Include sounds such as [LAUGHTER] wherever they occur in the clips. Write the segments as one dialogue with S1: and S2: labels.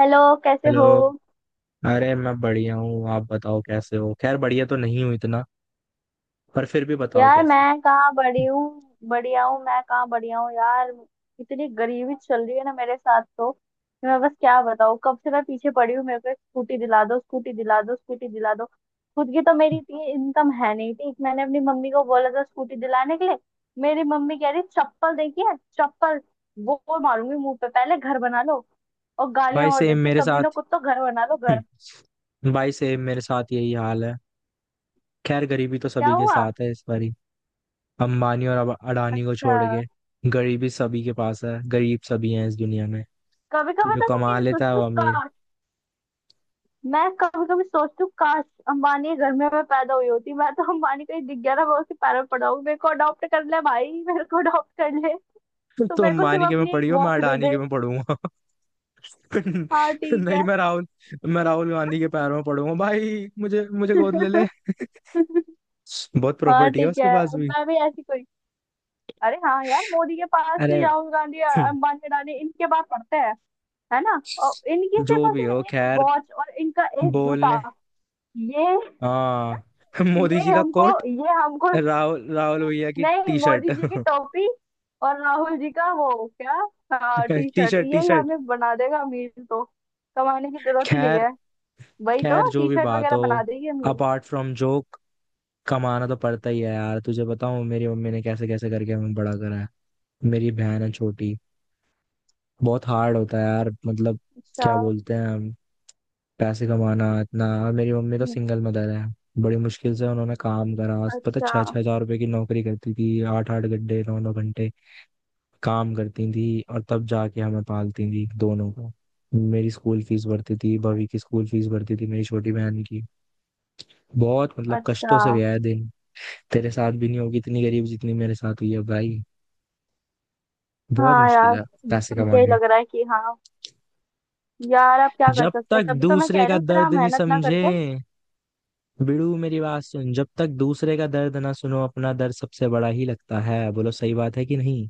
S1: Hello. कैसे हो?
S2: Hello. अरे मैं बढ़िया हूँ, आप बताओ कैसे हो। खैर बढ़िया तो नहीं हूँ इतना, पर फिर भी बताओ
S1: यार
S2: कैसे हो।
S1: मैं कहाँ बड़ी हूँ, बढ़िया हूँ, मैं कहाँ बढ़िया हूँ यार। इतनी गरीबी चल रही है ना मेरे साथ तो मैं बस क्या बताऊँ, कब से मैं पीछे पड़ी हूँ, मेरे को एक स्कूटी दिला दो, स्कूटी दिला दो, स्कूटी दिला दो। खुद की तो मेरी इतनी इनकम है नहीं, ठीक, मैंने अपनी मम्मी को बोला था स्कूटी दिलाने के लिए। मेरी मम्मी कह रही चप्पल देखी है चप्पल, वो मारूंगी मुंह पे, पहले घर बना लो। और
S2: भाई
S1: गालियां और
S2: सेम
S1: देती
S2: मेरे
S1: कमीनों
S2: साथ।
S1: को, तो घर बना लो घर।
S2: [LAUGHS] भाई सेम मेरे साथ यही हाल है। खैर गरीबी तो
S1: क्या
S2: सभी के
S1: हुआ?
S2: साथ है इस बारी। अंबानी और अडानी को
S1: अच्छा।
S2: छोड़ के। गरीबी सभी के पास है, गरीब सभी हैं इस दुनिया में।
S1: कभी कभी
S2: जो
S1: तो मैं
S2: कमा
S1: ये
S2: लेता है
S1: सोचती
S2: वो
S1: हूँ।
S2: अमीर।
S1: मैं कभी कभी सोचती हूँ, काश अंबानी घर में मैं पैदा हुई होती, मैं तो अंबानी कहीं दिख गया ना, मैं उसके पैरों में पड़ा हूँ, मेरे को अडॉप्ट कर ले भाई, मेरे को अडॉप्ट कर ले।
S2: [LAUGHS]
S1: तो
S2: तो
S1: मेरे को सिर्फ
S2: अंबानी के में
S1: अपनी एक
S2: पड़ी हो, मैं
S1: वॉच दे
S2: अडानी के
S1: दे।
S2: में पढ़ूंगा।
S1: हाँ
S2: [LAUGHS]
S1: ठीक
S2: नहीं,
S1: है।
S2: मैं राहुल गांधी के पैरों में पड़ूंगा भाई, मुझे मुझे गोद ले ले।
S1: [LAUGHS]
S2: [LAUGHS] बहुत
S1: हाँ
S2: प्रॉपर्टी है
S1: ठीक
S2: उसके
S1: है।
S2: पास भी।
S1: मैं भी ऐसी कोई। अरे हाँ यार, मोदी के पास,
S2: अरे
S1: राहुल गांधी,
S2: [CLEARS THROAT]
S1: अंबानी, अडानी, इनके पास पढ़ते हैं। है ना? और इनकी सिर्फ
S2: जो
S1: और
S2: भी हो
S1: सिर्फ एक
S2: खैर।
S1: वॉच और इनका एक जूता,
S2: बोलने।
S1: ये
S2: हाँ। [LAUGHS] मोदी
S1: ये
S2: जी का
S1: हमको
S2: कोट,
S1: ये हमको
S2: राहुल राहुल भैया की
S1: नहीं,
S2: टी शर्ट।
S1: मोदी जी की टोपी और राहुल जी का वो। क्या? हाँ T
S2: [LAUGHS] T
S1: shirt,
S2: shirt T
S1: यही
S2: शर्ट।
S1: हमें बना देगा अमीर तो। कमाने की
S2: [LAUGHS]
S1: जरूरत ही नहीं
S2: खैर
S1: है। वही
S2: खैर
S1: तो,
S2: जो
S1: टी
S2: भी
S1: शर्ट
S2: बात
S1: वगैरह
S2: हो,
S1: बना देगी अमीर।
S2: अपार्ट फ्रॉम जोक, कमाना तो पड़ता ही है यार। तुझे बताऊं, मेरी मम्मी ने कैसे कैसे करके हमें बड़ा करा है। मेरी बहन है छोटी। बहुत हार्ड होता है यार, मतलब
S1: अच्छा।
S2: क्या बोलते हैं, पैसे कमाना इतना। और मेरी मम्मी तो
S1: हम्म।
S2: सिंगल मदर है। बड़ी मुश्किल से उन्होंने काम करा। पता,
S1: अच्छा।
S2: छह छह हजार रुपए की नौकरी करती थी, आठ आठ घंटे, नौ नौ घंटे काम करती थी, और तब जाके हमें पालती थी दोनों को। मेरी स्कूल फीस भरती थी, भवी की स्कूल फीस भरती थी, मेरी छोटी बहन की। बहुत मतलब कष्टों
S1: अच्छा।
S2: से गया है दिन। तेरे साथ भी नहीं होगी इतनी गरीब जितनी मेरे साथ हुई है भाई। बहुत
S1: हाँ
S2: मुश्किल
S1: यार,
S2: है पैसे
S1: सुन के ही
S2: कमाने।
S1: लग रहा है कि हाँ। यार अब क्या कर
S2: जब
S1: सकते हैं,
S2: तक
S1: तभी तो मैं कह
S2: दूसरे
S1: रही
S2: का
S1: हूँ इतना
S2: दर्द नहीं
S1: मेहनत ना
S2: समझे,
S1: करके।
S2: भिड़ू मेरी बात सुन, जब तक दूसरे का दर्द ना सुनो अपना दर्द सबसे बड़ा ही लगता है। बोलो सही बात है कि नहीं?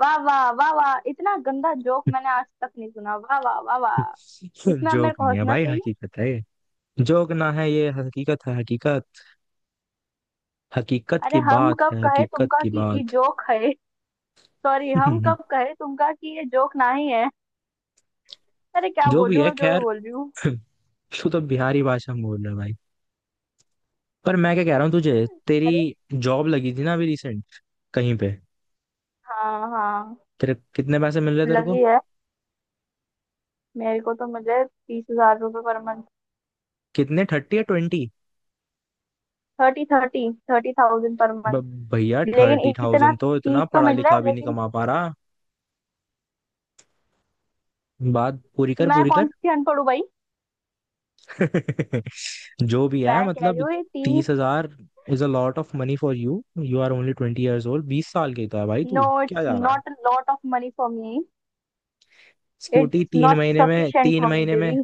S1: वाह वाह वाह वाह, इतना गंदा जोक मैंने आज तक नहीं सुना, वाह वाह वाह
S2: [LAUGHS]
S1: वाह। इसमें अब मेरे
S2: जोक
S1: को
S2: नहीं है
S1: हंसना
S2: भाई,
S1: चाहिए।
S2: हकीकत है ये। जोक ना है ये, हकीकत है हकीकत। हकीकत
S1: अरे
S2: की
S1: हम
S2: बात
S1: कब
S2: है,
S1: कहे
S2: हकीकत
S1: तुमका
S2: की
S1: कि ये
S2: बात।
S1: जोक है? सॉरी, हम कब
S2: [LAUGHS]
S1: कहे तुमका कि ये जोक ना ही है? अरे क्या
S2: जो
S1: बोल रही
S2: भी
S1: हूँ
S2: है
S1: मैं, जो भी
S2: खैर।
S1: बोल रही हूँ।
S2: [LAUGHS] तू तो बिहारी भाषा में बोल रहा है भाई। पर मैं क्या कह रहा हूँ तुझे, तेरी
S1: अरे।
S2: जॉब लगी थी ना अभी रिसेंट कहीं पे।
S1: हाँ हाँ।
S2: तेरे कितने पैसे मिल रहे तेरे को।
S1: लगी है। मेरे को तो, मुझे 30,000 रुपये पर मंथ।
S2: कितने, थर्टी या ट्वेंटी?
S1: 30, 30। 30,000 पर मंथ।
S2: भैया
S1: लेकिन
S2: थर्टी
S1: इतना,
S2: थाउजेंड तो इतना
S1: 30 तो
S2: पढ़ा
S1: मिल रहा
S2: लिखा
S1: है
S2: भी नहीं
S1: लेकिन।
S2: कमा पा रहा। बात पूरी
S1: तो
S2: कर,
S1: मैं
S2: पूरी कर।
S1: कौन सी अनपढ़ हूँ भाई।
S2: [LAUGHS] जो भी है
S1: मैं कह रही
S2: मतलब।
S1: हूँ ये 30।
S2: 30,000 is a lot of money for you. You are only 20 years old, 20 साल के तो है भाई,
S1: नो
S2: तू क्या
S1: इट्स
S2: जा रहा है।
S1: Not a lot of money for me.
S2: Scooty
S1: it's
S2: तीन
S1: नॉट
S2: महीने में,
S1: सफिशिएंट
S2: तीन
S1: फॉर मी
S2: महीने में,
S1: बेबी।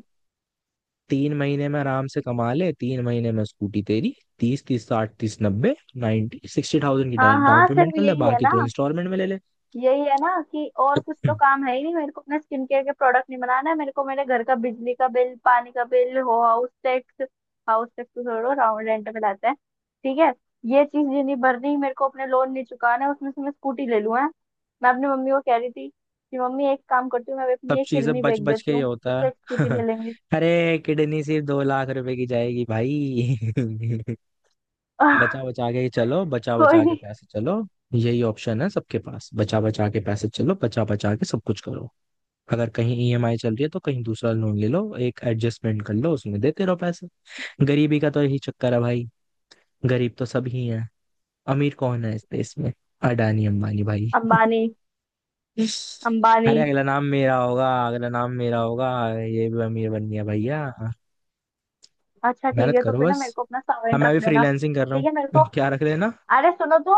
S2: 3 महीने में आराम से कमा ले, 3 महीने में स्कूटी तेरी। तीस तीस साठ, तीस नब्बे, 90,000 की
S1: हाँ
S2: डाउन
S1: हाँ,
S2: पेमेंट
S1: सिर्फ
S2: कर ले,
S1: यही है
S2: बाकी
S1: ना।
S2: तो इंस्टॉलमेंट में ले ले।
S1: यही है ना कि और कुछ तो
S2: हम्म,
S1: काम है ही नहीं, मेरे को अपने स्किन केयर के प्रोडक्ट नहीं बनाना है, मेरे को मेरे घर का बिजली का बिल, पानी का बिल हो, हाउस टैक्स। हाउस टैक्स तो छोड़ो, राउंड रेंट में लाते हैं। ठीक है। ये चीज ये नहीं भरनी मेरे को, अपने लोन नहीं चुकाना है, उसमें से मैं स्कूटी ले लूँ है। मैं अपनी मम्मी को कह रही थी कि मम्मी, एक काम करती हूँ, मैं
S2: सब
S1: अपनी एक
S2: चीजें
S1: किडनी
S2: बच
S1: बेच
S2: बच के
S1: देती
S2: ये
S1: हूँ,
S2: होता
S1: उससे एक
S2: है।
S1: स्कूटी ले
S2: [LAUGHS]
S1: लेंगे।
S2: अरे किडनी सिर्फ 2 लाख रुपए की जाएगी भाई। [LAUGHS] बचा
S1: [LAUGHS]
S2: बचा के ही चलो, बचा
S1: कोई
S2: बचा के
S1: नहीं।
S2: पैसे चलो। यही ऑप्शन है सबके पास, बचा बचा के पैसे चलो, बचा बचा के सब कुछ करो। अगर कहीं ईएमआई चल रही है तो कहीं दूसरा लोन ले लो, एक एडजस्टमेंट कर लो, उसमें देते रहो पैसे। गरीबी का तो यही चक्कर है भाई। गरीब तो सब ही है। अमीर कौन है इस देश में, अडानी अंबानी भाई।
S1: अंबानी। अंबानी।
S2: अरे अगला नाम मेरा होगा, अगला नाम मेरा होगा। ये भी अमीर बन गया भैया।
S1: अच्छा ठीक
S2: मेहनत
S1: है, तो
S2: करो
S1: फिर ना
S2: बस।
S1: मेरे को अपना
S2: हाँ,
S1: सावेंट
S2: मैं
S1: रख
S2: भी
S1: लेना।
S2: फ्रीलांसिंग कर रहा
S1: ठीक है मेरे को।
S2: हूँ। [LAUGHS] क्या रख लेना,
S1: अरे सुनो तो,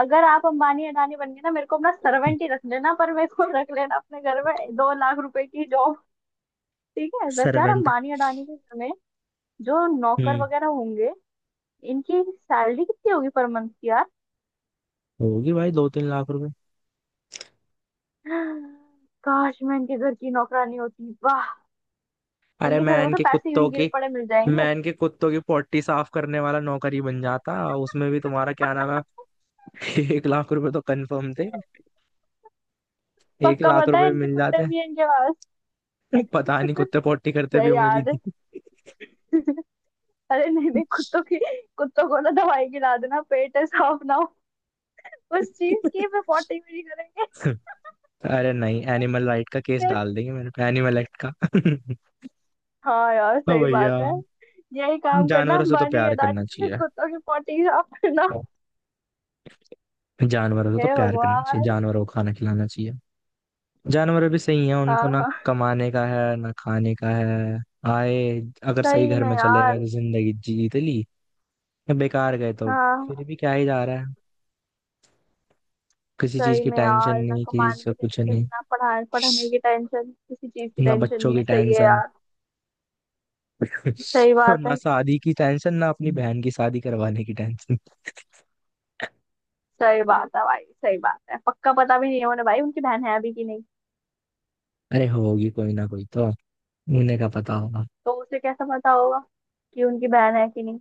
S1: अगर आप अंबानी अडानी बन गए ना, मेरे को अपना सर्वेंट ही रख लेना, पर मेरे को रख लेना अपने घर में, 2 लाख रुपए की जॉब। ठीक है। वैसे यार,
S2: सर्वेंट?
S1: अंबानी अडानी के घर में जो नौकर
S2: हम्म
S1: वगैरह होंगे, इनकी सैलरी कितनी होगी पर मंथ की यार।
S2: होगी भाई 2-3 लाख रुपए।
S1: काश मैं इनके घर की नौकरानी होती, वाह।
S2: अरे
S1: इनके घर
S2: मैं
S1: में तो
S2: इनके
S1: पैसे यूं ही
S2: कुत्तों
S1: गिरे
S2: की,
S1: पड़े मिल जाएंगे।
S2: मैं इनके कुत्तों की पोटी साफ करने वाला नौकरी बन जाता, उसमें भी तुम्हारा क्या नाम है। [LAUGHS] 1 लाख रुपए तो कंफर्म थे, एक
S1: पक्का
S2: लाख
S1: पता है,
S2: रुपए
S1: इनके
S2: मिल
S1: कुत्ते
S2: जाते।
S1: भी हैं इनके पास।
S2: [LAUGHS] पता नहीं
S1: [LAUGHS]
S2: कुत्ते पोटी करते भी
S1: सही
S2: होंगे कि
S1: याद है।
S2: नहीं।
S1: [LAUGHS] अरे नहीं नहीं, कुत्तों की। कुत्तों को ना दवाई खिला देना, पेट है साफ ना, उस चीज की मैं पोर्टेबिलिटी करेंगे।
S2: [LAUGHS] अरे नहीं, एनिमल राइट का केस
S1: फिर।
S2: डाल देंगे मेरे पे, एनिमल एक्ट का।
S1: हाँ यार,
S2: [LAUGHS] ओ
S1: सही
S2: भैया,
S1: बात है। यही काम करना,
S2: जानवरों से तो
S1: अंबानी
S2: प्यार
S1: अडानी
S2: करना
S1: के
S2: चाहिए।
S1: कुत्तों की पोटी साफ करना।
S2: जानवरों से
S1: हे
S2: तो प्यार करना चाहिए,
S1: भगवान।
S2: जानवरों को खाना खिलाना चाहिए। जानवर भी सही है, उनको
S1: हाँ
S2: ना
S1: हाँ।
S2: कमाने का है ना खाने का है। आए, अगर सही
S1: सही
S2: घर
S1: में
S2: में चले गए
S1: यार।
S2: तो जिंदगी जीत ली, या बेकार गए तो
S1: हाँ।
S2: फिर भी क्या ही जा रहा है। किसी चीज
S1: सही
S2: की
S1: में
S2: टेंशन
S1: यार, ना
S2: नहीं, किसी चीज
S1: कमाने
S2: का
S1: की
S2: कुछ
S1: टेंशन,
S2: नहीं।
S1: ना पढ़ाने पढ़ने की टेंशन, किसी चीज की
S2: ना
S1: टेंशन
S2: बच्चों
S1: नहीं
S2: की
S1: है, सही है
S2: टेंशन,
S1: यार। सही
S2: [LAUGHS] और
S1: बात
S2: ना
S1: है।
S2: शादी की टेंशन, ना अपनी बहन की शादी करवाने की टेंशन।
S1: सही बात है भाई, सही बात है, पक्का पता भी नहीं है उन्हें भाई, उनकी बहन है अभी कि नहीं।
S2: अरे होगी कोई ना कोई तो, उन्हें का पता होगा।
S1: तो उसे कैसा पता होगा कि उनकी बहन है कि नहीं?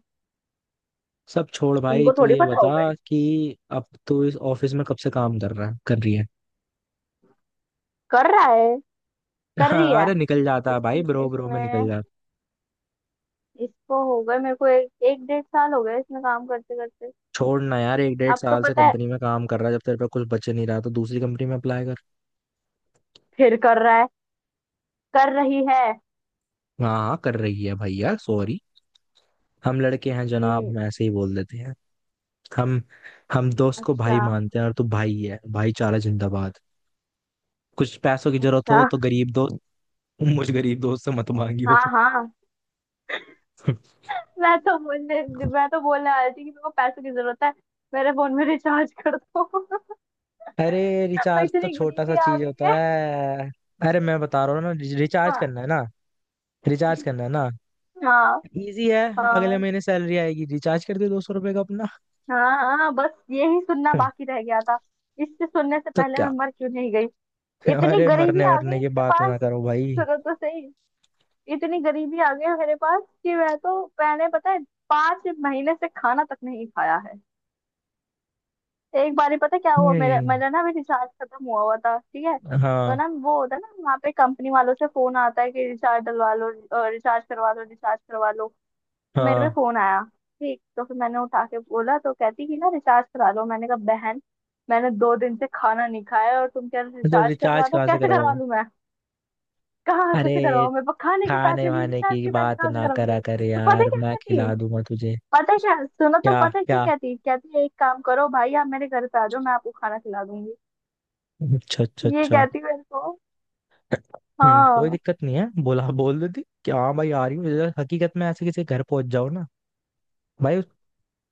S2: सब छोड़ भाई,
S1: उनको
S2: तू
S1: थोड़ी
S2: ये
S1: पता
S2: बता
S1: होगा।
S2: कि अब तू इस ऑफिस में कब से काम कर रहा है, कर रही है।
S1: कर रहा है,
S2: [LAUGHS]
S1: कर
S2: हाँ,
S1: रही है।
S2: अरे निकल जाता
S1: इस
S2: है भाई, ब्रो ब्रो में निकल
S1: इसमें
S2: जाता।
S1: इसको हो गए मेरे को एक एक डेढ़ साल हो गया, इसमें काम करते करते।
S2: छोड़ ना यार, एक डेढ़
S1: अब तो
S2: साल से
S1: पता है।
S2: कंपनी में काम कर रहा है, जब तेरे पे कुछ बच नहीं रहा तो दूसरी कंपनी में अप्लाई कर।
S1: फिर कर रहा है, कर रही है।
S2: हाँ हाँ कर रही है भैया, सॉरी, हम लड़के हैं जनाब,
S1: हम्म।
S2: हम ऐसे ही बोल देते हैं। हम हम दोस्त को
S1: अच्छा।
S2: भाई मानते हैं, और तू भाई है, भाईचारा जिंदाबाद। कुछ पैसों की जरूरत हो
S1: अच्छा।
S2: तो, गरीब दोस्त, मुझ गरीब दोस्त से मत मांगियो।
S1: हाँ हाँ। मैं तो बोलने। मैं तो बोलने वाली थी कि मेरे को पैसों की जरूरत है, मेरे फोन में रिचार्ज कर दो। [LAUGHS]
S2: [LAUGHS] अरे रिचार्ज तो
S1: इतनी
S2: छोटा सा
S1: गरीबी आ
S2: चीज
S1: गई
S2: होता
S1: है।
S2: है। अरे मैं बता रहा हूँ ना, रिचार्ज
S1: हाँ।
S2: करना है ना, रिचार्ज करना है ना,
S1: हाँ।
S2: इजी है। अगले महीने सैलरी आएगी, रिचार्ज कर दे 200 रुपए का अपना।
S1: हाँ हाँ, बस यही सुनना बाकी
S2: [LAUGHS]
S1: रह गया था। इससे सुनने से
S2: तो
S1: पहले मैं
S2: क्या?
S1: मर क्यों नहीं गई।
S2: [LAUGHS]
S1: इतनी
S2: अरे
S1: गरीबी
S2: मरने
S1: आ गई
S2: मरने
S1: है
S2: की
S1: मेरे
S2: बात
S1: पास।
S2: ना करो भाई।
S1: सुनो तो सही, इतनी गरीबी आ गई है मेरे पास कि मैं तो, मैंने पता है, 5 महीने से खाना तक नहीं खाया है। एक बार ही पता क्या हुआ, मेरा
S2: हम्म,
S1: मेरा ना अभी रिचार्ज खत्म हुआ हुआ था, ठीक है। तो
S2: हाँ
S1: ना वो होता है ना, वहाँ पे कंपनी वालों से फोन आता है कि रिचार्ज डलवा लो, रिचार्ज करवा लो, रिचार्ज करवा लो। तो मेरे पे
S2: हाँ।
S1: फोन आया। ठीक, तो फिर मैंने उठा के बोला, तो कहती कि ना रिचार्ज करा लो। मैंने कहा बहन, मैंने 2 दिन से खाना नहीं खाया और तुम क्या
S2: तो
S1: रिचार्ज करवा
S2: रिचार्ज
S1: दो,
S2: कहाँ से
S1: कैसे करवा
S2: करवाओ।
S1: लूं मैं। कहाँ
S2: अरे
S1: से करवाऊँ, मेरे पास खाने के
S2: खाने
S1: पैसे नहीं,
S2: वाने
S1: रिचार्ज
S2: की
S1: के पैसे
S2: बात
S1: कहाँ से
S2: ना
S1: कराऊँ।
S2: करा कर
S1: तो पता है
S2: यार,
S1: क्या
S2: मैं
S1: कहती है?
S2: खिला दूंगा तुझे।
S1: पता है क्या, सुनो तो,
S2: क्या
S1: पता है क्या
S2: क्या?
S1: कहती है? कहती है एक काम करो भाई, आप मेरे घर पे आ जाओ, मैं आपको खाना खिला दूंगी।
S2: अच्छा अच्छा
S1: ये
S2: अच्छा।
S1: कहती है मेरे को।
S2: कोई
S1: हाँ।
S2: दिक्कत नहीं है, बोला बोल देती कि हाँ भाई आ रही हूँ, जरा हकीकत में ऐसे किसी के घर पहुंच जाओ ना भाई,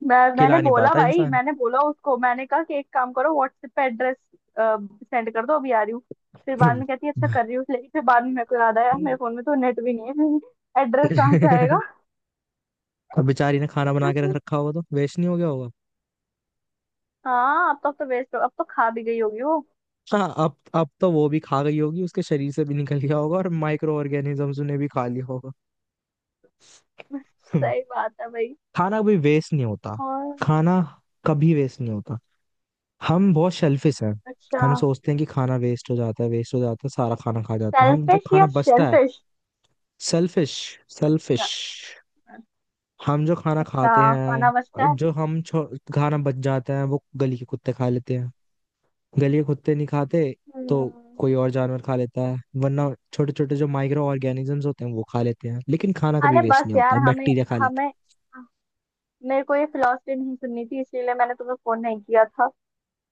S1: मैं
S2: खिला
S1: मैंने
S2: नहीं
S1: बोला
S2: पाता
S1: भाई,
S2: इंसान।
S1: मैंने बोला उसको, मैंने कहा कि एक काम करो, व्हाट्सएप पे एड्रेस सेंड कर दो, अभी आ रही हूँ। फिर बाद में कहती है अच्छा कर रही हूँ, लेकिन फिर बाद में मेरे को याद आया मेरे फोन में तो नेट भी नहीं है। [LAUGHS] एड्रेस कहाँ से आएगा।
S2: और [LAUGHS] बेचारी ने खाना बना के रख
S1: [LAUGHS]
S2: रखा होगा, तो वेस्ट नहीं हो गया होगा।
S1: हाँ अब तक तो वेस्ट हो, अब तो खा भी गई होगी वो।
S2: हाँ, अब तो वो भी खा गई होगी, उसके शरीर से भी निकल गया होगा और माइक्रो ऑर्गेनिजम्स ने भी खा लिया होगा।
S1: [LAUGHS]
S2: [LAUGHS] हम्म।
S1: सही बात है भाई।
S2: खाना भी वेस्ट नहीं होता,
S1: और।
S2: खाना कभी वेस्ट नहीं होता। हम बहुत शेल्फिश हैं।
S1: अच्छा।
S2: हम सोचते हैं कि खाना वेस्ट हो जाता है, वेस्ट हो जाता है, सारा खाना खा जाते हैं हम जो
S1: सेल्फिश या
S2: खाना बचता है।
S1: शेलफिश?
S2: Selfish, selfish.
S1: अच्छा।
S2: हम जो खाना
S1: अच्छा
S2: खाते
S1: खाना
S2: हैं,
S1: बचता है।
S2: जो हम खाना बच जाता है, वो गली के कुत्ते खा लेते हैं। गलिए कुत्ते नहीं खाते तो
S1: हम्म।
S2: कोई और जानवर खा लेता है, वरना छोटे छोटे जो माइक्रो ऑर्गेनिजम्स होते हैं वो खा लेते हैं, लेकिन खाना कभी
S1: अरे
S2: वेस्ट
S1: बस
S2: नहीं
S1: यार,
S2: होता,
S1: हमें
S2: बैक्टीरिया खा लेते
S1: हमें
S2: हैं।
S1: मेरे को ये फिलोसफी नहीं सुननी थी, इसीलिए मैंने तुम्हें फोन नहीं किया था।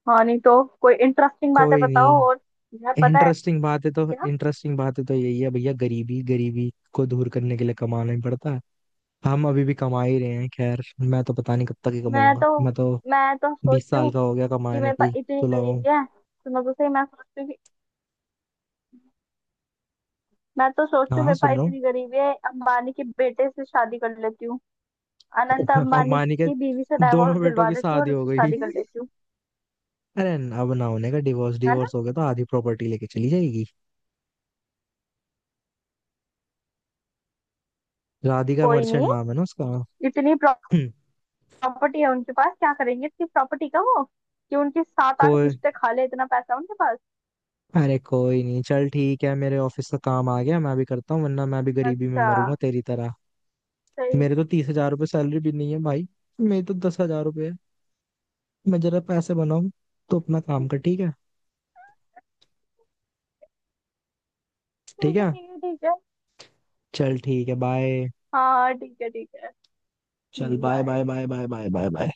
S1: हाँ, नहीं तो कोई इंटरेस्टिंग बातें
S2: कोई
S1: बताओ
S2: नहीं।
S1: और। यार पता है
S2: इंटरेस्टिंग बात है तो,
S1: क्या।
S2: इंटरेस्टिंग बात है तो यही है भैया, गरीबी, गरीबी को दूर करने के लिए कमाना ही पड़ता है। हम अभी भी कमा ही रहे हैं। खैर मैं तो पता नहीं कब तक ही
S1: मैं
S2: कमाऊंगा,
S1: तो
S2: मैं तो
S1: मैं तो
S2: बीस
S1: सोचती
S2: साल
S1: हूँ
S2: का हो गया,
S1: कि
S2: कमाने
S1: मेरे
S2: पे
S1: पास
S2: ही
S1: इतनी
S2: तो लगाऊं।
S1: गरीबी है, सुनो तो सही, मैं सोचती हूँ कि मैं तो सोचती
S2: हाँ
S1: हूँ
S2: हाँ
S1: मेरे पास
S2: सुन रहा हूँ।
S1: इतनी गरीबी है, अंबानी के बेटे से शादी कर लेती हूँ। अनंत
S2: [LAUGHS]
S1: अंबानी
S2: अंबानी के
S1: की बीवी से डाइवोर्स
S2: दोनों बेटों
S1: दिलवा
S2: की
S1: देती हूँ
S2: शादी
S1: और
S2: हो
S1: उससे
S2: गई।
S1: शादी कर लेती हूँ।
S2: अरे अब ना होने का डिवोर्स
S1: है ना?
S2: डिवोर्स हो गया तो आधी प्रॉपर्टी लेके चली जाएगी। राधिका
S1: कोई
S2: मर्चेंट
S1: नहीं।
S2: नाम है ना उसका।
S1: इतनी
S2: हम्म,
S1: प्रॉपर्टी है उनके पास, क्या करेंगे इतनी प्रॉपर्टी का वो, कि उनकी 7-8
S2: कोई।
S1: पुश्ते खा ले, इतना पैसा उनके पास।
S2: अरे कोई नहीं, चल ठीक है, मेरे ऑफिस का काम आ गया, मैं भी करता हूँ वरना मैं भी गरीबी में
S1: अच्छा।
S2: मरूंगा तेरी तरह।
S1: सही।
S2: मेरे तो 30,000 रुपये सैलरी भी नहीं है भाई, मेरी तो 10,000 रुपये है। मैं जरा पैसे बनाऊं, तो अपना काम कर, ठीक है। ठीक
S1: ठीक है,
S2: है
S1: ठीक है, ठीक है।
S2: चल ठीक है बाय।
S1: हाँ ठीक है, ठीक है।
S2: चल bye
S1: bye.
S2: Bye bye bye bye bye bye.